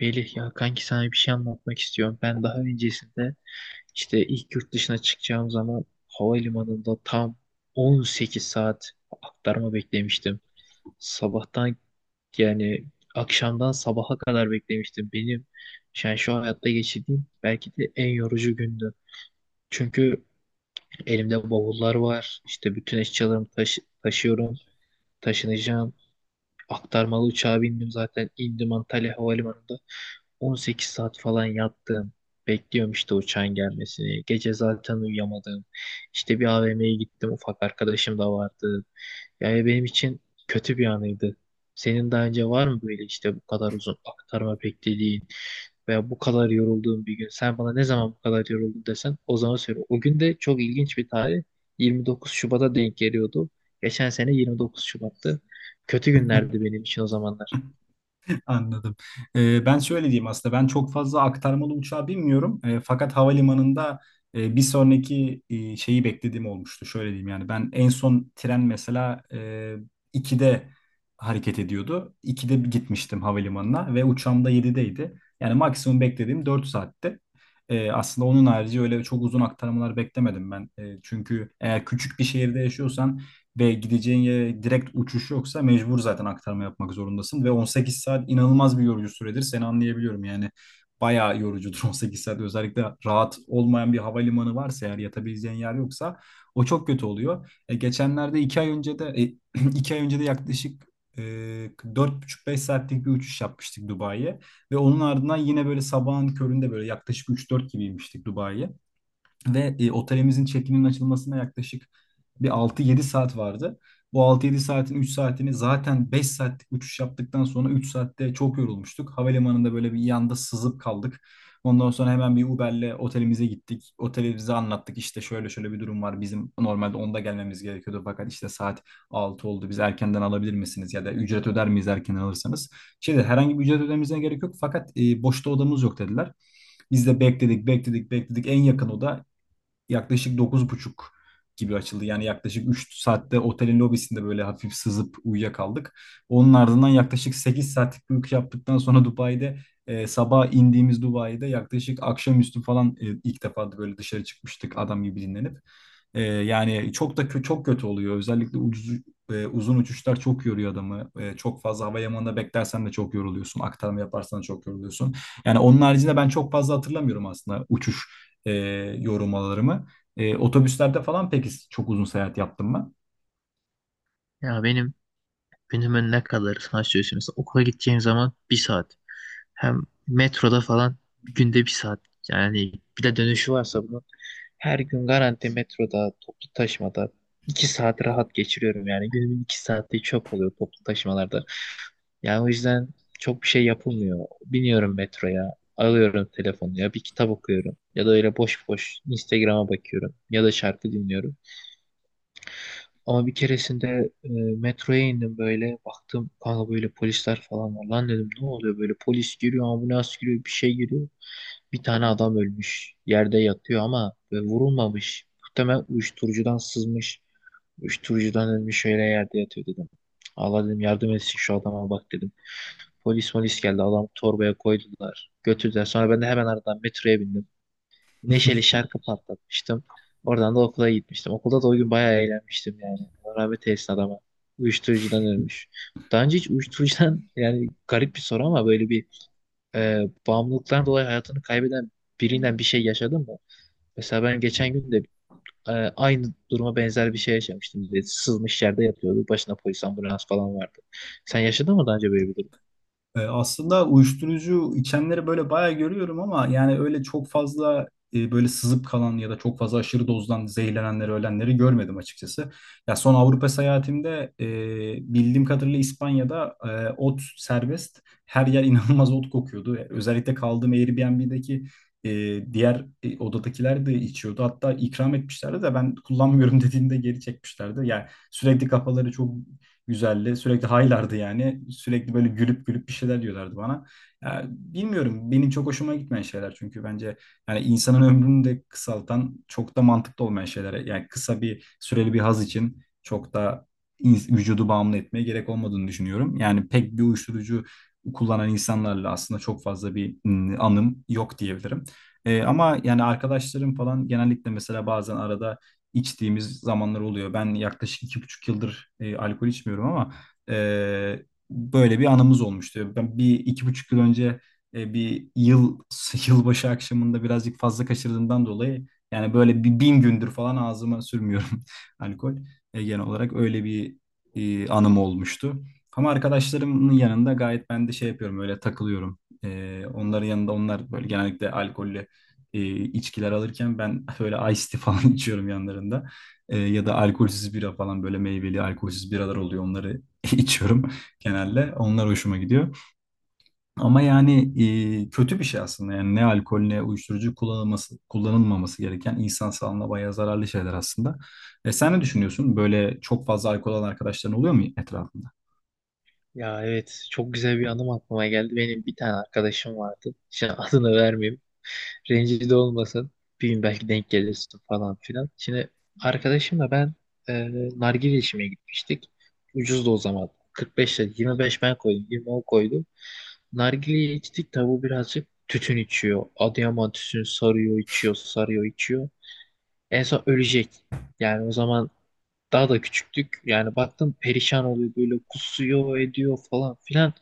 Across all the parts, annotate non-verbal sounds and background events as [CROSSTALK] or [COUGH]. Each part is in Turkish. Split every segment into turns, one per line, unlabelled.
Melih ya kanki, sana bir şey anlatmak istiyorum. Ben daha öncesinde işte ilk yurt dışına çıkacağım zaman havalimanında tam 18 saat aktarma beklemiştim. Sabahtan yani akşamdan sabaha kadar beklemiştim. Benim yani şu hayatta geçirdiğim belki de en yorucu gündü. Çünkü elimde bavullar var. İşte bütün eşyalarımı taşıyorum, taşınacağım. Aktarmalı uçağa bindim, zaten indim Antalya Havalimanı'nda. 18 saat falan yattım. Bekliyorum işte uçağın gelmesini. Gece zaten uyuyamadım. İşte bir AVM'ye gittim. Ufak arkadaşım da vardı. Yani benim için kötü bir anıydı. Senin daha önce var mı böyle işte bu kadar uzun aktarma beklediğin veya bu kadar yorulduğun bir gün? Sen bana ne zaman bu kadar yoruldun desen o zaman söyle. O gün de çok ilginç bir tarih. 29 Şubat'a denk geliyordu. Geçen sene 29 Şubat'tı. Kötü
[LAUGHS]
günlerdi benim için o zamanlar.
Anladım. Ben şöyle diyeyim aslında ben çok fazla aktarmalı uçağa binmiyorum. Fakat havalimanında bir sonraki şeyi beklediğim olmuştu. Şöyle diyeyim yani ben en son tren mesela 2'de hareket ediyordu. 2'de gitmiştim havalimanına ve uçağım da 7'deydi. Yani maksimum beklediğim 4 saatti. Aslında onun harici öyle çok uzun aktarmalar beklemedim ben. Çünkü eğer küçük bir şehirde yaşıyorsan ve gideceğin yere direkt uçuş yoksa mecbur zaten aktarma yapmak zorundasın. Ve 18 saat inanılmaz bir yorucu süredir. Seni anlayabiliyorum yani. Bayağı yorucudur [LAUGHS] 18 saat. Özellikle rahat olmayan bir havalimanı varsa eğer yatabileceğin yer yoksa o çok kötü oluyor. Geçenlerde 2 ay önce de [CLEARS THROAT] 2 ay önce de yaklaşık e, 4,5-5 saatlik bir uçuş yapmıştık Dubai'ye. Ve onun ardından yine böyle sabahın köründe böyle yaklaşık 3-4 gibiymiştik Dubai'ye. Ve otelimizin check-in'in açılmasına yaklaşık bir 6-7 saat vardı. Bu 6-7 saatin 3 saatini zaten 5 saatlik uçuş yaptıktan sonra 3 saatte çok yorulmuştuk. Havalimanında böyle bir yanda sızıp kaldık. Ondan sonra hemen bir Uber'le otelimize gittik. Otelimize anlattık işte şöyle şöyle bir durum var. Bizim normalde onda gelmemiz gerekiyordu fakat işte saat 6 oldu. Biz erkenden alabilir misiniz ya da ücret öder miyiz erken alırsanız? Şimdi herhangi bir ücret ödememize gerek yok fakat boşta odamız yok dediler. Biz de bekledik, bekledik, bekledik. En yakın oda yaklaşık 9.30 gibi açıldı. Yani yaklaşık 3 saatte otelin lobisinde böyle hafif sızıp uyuyakaldık. Onun ardından yaklaşık 8 saatlik bir uyku yaptıktan sonra [LAUGHS] Dubai'de sabah indiğimiz Dubai'de yaklaşık akşamüstü falan ilk defa da böyle dışarı çıkmıştık adam gibi dinlenip. Yani çok da çok kötü oluyor. Özellikle ucuz uzun uçuşlar çok yoruyor adamı. Çok fazla hava limanında beklersen de çok yoruluyorsun. Aktarma yaparsan da çok yoruluyorsun. Yani onun haricinde ben çok fazla hatırlamıyorum aslında uçuş e, yorumlarımı. Otobüslerde falan peki çok uzun seyahat yaptım mı?
Ya benim günümün ne kadarı, sana söyleyeyim. Mesela okula gideceğim zaman bir saat. Hem metroda falan günde bir saat. Yani bir de dönüşü varsa bunun, her gün garanti metroda, toplu taşımada iki saat rahat geçiriyorum. Yani günümün iki saati çöp oluyor toplu taşımalarda. Yani o yüzden çok bir şey yapılmıyor. Biniyorum metroya, alıyorum telefonu, ya bir kitap okuyorum ya da öyle boş boş Instagram'a bakıyorum ya da şarkı dinliyorum. Ama bir keresinde metroya indim böyle. Baktım kanka, böyle polisler falan var. Lan dedim, ne oluyor böyle, polis giriyor, ambulans giriyor, bir şey giriyor. Bir tane adam ölmüş. Yerde yatıyor ama vurulmamış. Muhtemelen uyuşturucudan sızmış. Uyuşturucudan ölmüş öyle yerde yatıyor dedim. Allah dedim yardım etsin şu adama bak dedim. Polis geldi, adam torbaya koydular. Götürdüler. Sonra ben de hemen aradan metroya bindim, neşeli şarkı patlatmıştım. Oradan da okula gitmiştim. Okulda da o gün bayağı eğlenmiştim yani. Allah rahmet eylesin adama. Uyuşturucudan ölmüş. Daha önce hiç uyuşturucudan [LAUGHS] yani garip bir soru ama böyle bir bağımlılıktan dolayı hayatını kaybeden birinden bir şey yaşadın mı? Mesela ben geçen gün de aynı duruma benzer bir şey yaşamıştım. Böyle sızmış yerde yatıyordu. Başına polis, ambulans falan vardı. Sen yaşadın mı daha önce böyle bir durum?
Aslında uyuşturucu içenleri böyle bayağı görüyorum ama yani öyle çok fazla böyle sızıp kalan ya da çok fazla aşırı dozdan zehirlenenleri, ölenleri görmedim açıkçası. Ya son Avrupa seyahatimde bildiğim kadarıyla İspanya'da ot serbest. Her yer [LAUGHS] inanılmaz ot kokuyordu. Özellikle kaldığım Airbnb'deki e, diğer odadakiler de içiyordu. Hatta ikram etmişlerdi de ben kullanmıyorum [LAUGHS] dediğimde geri çekmişlerdi. Yani sürekli kafaları çok güzeldi. Sürekli haylardı yani. Sürekli böyle gülüp gülüp bir şeyler diyorlardı bana. Ya, bilmiyorum benim çok hoşuma gitmeyen şeyler çünkü bence yani insanın ömrünü de kısaltan çok da mantıklı olmayan şeyler. Yani kısa bir süreli bir haz için çok da vücudu bağımlı etmeye gerek olmadığını düşünüyorum. Yani pek bir uyuşturucu kullanan insanlarla aslında çok fazla bir anım yok diyebilirim. Ama yani arkadaşlarım falan genellikle mesela bazen arada içtiğimiz zamanlar oluyor. Ben yaklaşık 2,5 yıldır alkol içmiyorum ama e, böyle bir anımız olmuştu. Ben bir 2,5 yıl önce bir yıl [LAUGHS] yılbaşı akşamında birazcık fazla kaçırdığımdan dolayı yani böyle bir 1000 gündür falan ağzıma sürmüyorum [LAUGHS] alkol. Genel olarak öyle bir anım olmuştu. Ama arkadaşlarımın yanında gayet ben de şey yapıyorum öyle takılıyorum. Onların yanında onlar böyle genellikle alkollü içkiler alırken ben [LAUGHS] böyle iced tea falan [LAUGHS] içiyorum yanlarında. Ya da alkolsüz bira falan böyle meyveli alkolsüz biralar oluyor. Onları [LAUGHS] içiyorum genelde. Onlar hoşuma gidiyor. Ama yani kötü bir şey aslında. Yani ne alkol ne uyuşturucu kullanılması, kullanılmaması gereken insan sağlığına bayağı zararlı şeyler aslında. Sen ne düşünüyorsun? Böyle çok fazla alkol alan arkadaşların oluyor mu etrafında?
Ya evet, çok güzel bir anım aklıma geldi. Benim bir tane arkadaşım vardı. Şimdi [LAUGHS] adını vermeyeyim. Rencide olmasın. Bir gün belki denk gelirsin falan filan. Şimdi arkadaşımla ben e, nargile içmeye gitmiştik. Ucuzdu o zaman. 45 lira. 25 ben koydum, 20 o koydu. Nargileyi içtik, tabu birazcık tütün içiyor. Adıyaman tütünü sarıyor içiyor, sarıyor içiyor. En son ölecek. Yani o zaman daha da küçüktük. Yani baktım perişan oluyor, böyle kusuyor ediyor falan filan.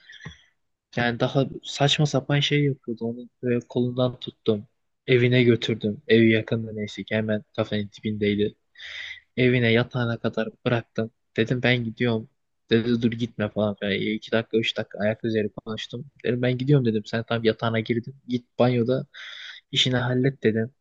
Yani daha saçma sapan şey yapıyordu. Onu böyle kolundan tuttum. Evine götürdüm. Evi yakında, neyse ki hemen kafenin dibindeydi. Evine, yatağına kadar bıraktım. Dedim ben gidiyorum. Dedi dur gitme falan filan. E, iki dakika üç dakika ayak üzeri konuştum. Dedim ben gidiyorum dedim. Sen tam yatağına girdin. Git banyoda işini hallet dedim.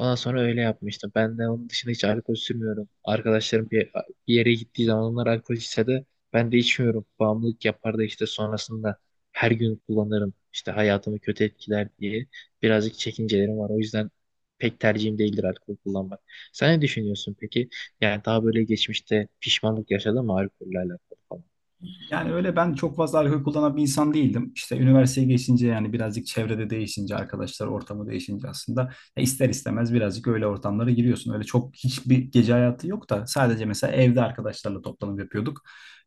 Ondan sonra öyle yapmıştım. Ben de onun dışında hiç alkol sürmüyorum. Arkadaşlarım bir yere gittiği zaman onlar alkol içse de ben de içmiyorum. Bağımlılık yapar da işte sonrasında her gün kullanırım. İşte hayatımı kötü etkiler diye birazcık çekincelerim var. O yüzden pek tercihim değildir alkol kullanmak. Sen ne düşünüyorsun peki? Yani daha böyle geçmişte pişmanlık yaşadın mı alkolle alakalı?
Yani öyle ben çok fazla alkol kullanan bir insan değildim. İşte üniversiteye geçince yani birazcık çevrede değişince, arkadaşlar ortamı değişince aslında ya ister istemez birazcık öyle ortamlara giriyorsun. Öyle çok hiçbir gece hayatı yok da sadece mesela evde arkadaşlarla toplanıp yapıyorduk.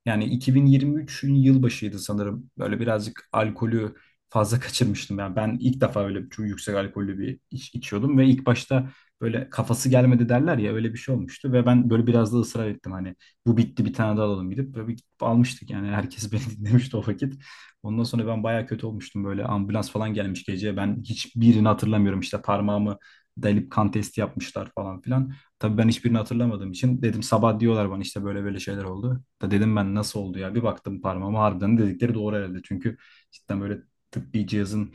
Yani 2023'ün yılbaşıydı sanırım. Böyle birazcık alkolü fazla [LAUGHS] kaçırmıştım. Yani ben ilk defa öyle çok yüksek alkollü bir iç içiyordum ve ilk başta böyle kafası gelmedi derler ya öyle bir şey olmuştu ve ben böyle biraz da ısrar ettim hani bu bitti bir tane daha alalım gidip böyle bir gidip almıştık yani herkes beni [LAUGHS] dinlemişti o vakit. Ondan sonra ben bayağı kötü olmuştum böyle ambulans falan gelmiş gece ben hiçbirini hatırlamıyorum işte parmağımı delip kan testi yapmışlar falan filan. Tabii ben hiçbirini hatırlamadığım için dedim sabah diyorlar bana işte böyle böyle şeyler oldu. Da dedim ben nasıl oldu ya bir baktım parmağıma harbiden dedikleri doğru herhalde çünkü cidden böyle tıbbi cihazın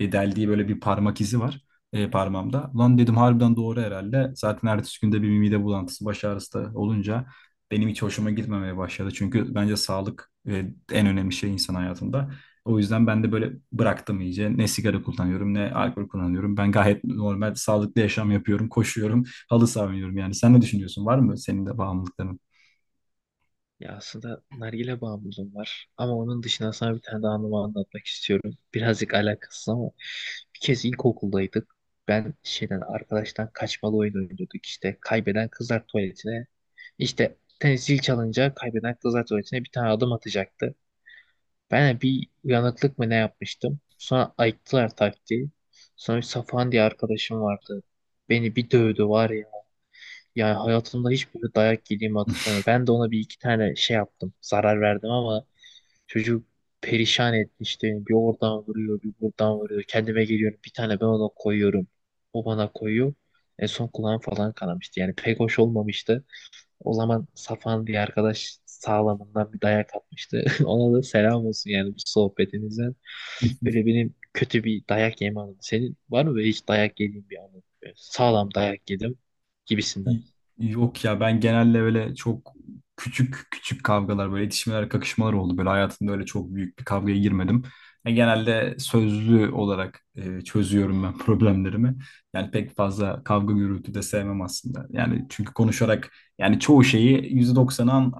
deldiği böyle bir parmak izi var parmağımda. Lan dedim harbiden doğru herhalde. Zaten ertesi günde bir mide bulantısı, baş ağrısı da olunca benim hiç hoşuma gitmemeye başladı. Çünkü bence sağlık en önemli şey insan hayatında. O yüzden ben de böyle bıraktım iyice. Ne sigara kullanıyorum ne alkol kullanıyorum. Ben gayet normal sağlıklı yaşam yapıyorum. Koşuyorum, halı saha oynuyorum yani. Sen ne düşünüyorsun? Var mı senin de bağımlılıkların?
Ya aslında nargile bağımlılığım var. Ama onun dışında sana bir tane daha anımı anlatmak istiyorum. Birazcık alakasız ama bir kez ilkokuldaydık. Ben şeyden, arkadaştan kaçmalı oyun oynuyorduk işte. Kaybeden kızlar tuvaletine, işte tenis zil çalınca kaybeden kızlar tuvaletine bir tane adım atacaktı. Ben de bir uyanıklık mı ne yapmıştım. Sonra ayıktılar taktiği. Sonra bir Safan diye arkadaşım vardı. Beni bir dövdü var ya. Yani hayatımda hiç böyle dayak yediğimi hatırlamıyorum. Ben de ona bir iki tane şey yaptım. Zarar verdim ama çocuk perişan etmişti. Bir oradan vuruyor, bir buradan vuruyor. Kendime geliyorum. Bir tane ben ona koyuyorum. O bana koyuyor. En son kulağım falan kanamıştı. Yani pek hoş olmamıştı. O zaman
[LAUGHS]
Safan diye arkadaş sağlamından bir dayak atmıştı. [LAUGHS] Ona da selam olsun yani bu sohbetinizden.
[LAUGHS]
Böyle benim kötü bir dayak yeme anım. Senin var mı böyle hiç dayak yediğin bir anın? Böyle sağlam dayak yedim gibisinden.
Yok ya ben genelde böyle çok küçük küçük kavgalar böyle itişmeler kakışmalar oldu. Böyle hayatımda öyle çok büyük bir kavgaya girmedim. Yani genelde sözlü olarak çözüyorum ben [LAUGHS] problemlerimi. Yani pek fazla kavga gürültü de sevmem aslında. Yani çünkü konuşarak yani çoğu şeyi %90'an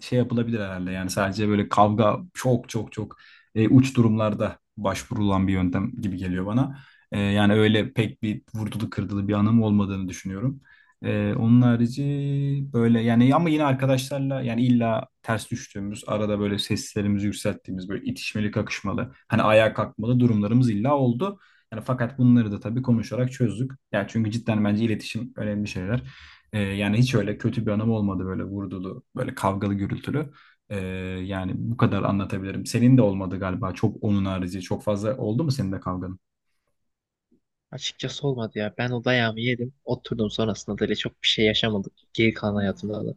şey yapılabilir herhalde. Yani sadece böyle kavga çok çok çok uç durumlarda başvurulan bir yöntem gibi geliyor bana. Yani öyle pek bir vurdulu kırdılı bir anım olmadığını düşünüyorum. Onun harici böyle yani ama yine arkadaşlarla yani illa ters düştüğümüz arada böyle seslerimizi yükselttiğimiz böyle itişmeli kakışmalı hani ayağa kalkmalı durumlarımız illa oldu. Yani fakat bunları da tabii konuşarak çözdük. Yani çünkü cidden bence iletişim önemli şeyler. Yani hiç öyle kötü bir anım olmadı böyle vurdulu böyle kavgalı gürültülü. Ee, yani bu kadar anlatabilirim. Senin de olmadı galiba çok onun harici çok fazla oldu mu senin de kavga?
Açıkçası olmadı ya. Ben o dayağımı yedim. Oturdum, sonrasında da öyle çok bir şey yaşamadık. Geri kalan hayatımda da.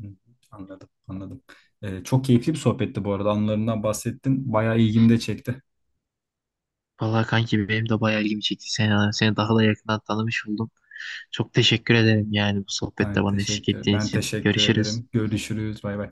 Hı, anladım, anladım. Çok keyifli bir sohbetti bu arada. Anılarından bahsettin. Bayağı ilgimi de çekti.
Vallahi kanki benim de bayağı ilgimi çekti. Seni, seni daha da yakından tanımış oldum. Çok teşekkür ederim yani bu sohbette bana eşlik ettiğin
Ben
için.
teşekkür
Görüşürüz.
ederim. Görüşürüz. Bay bay.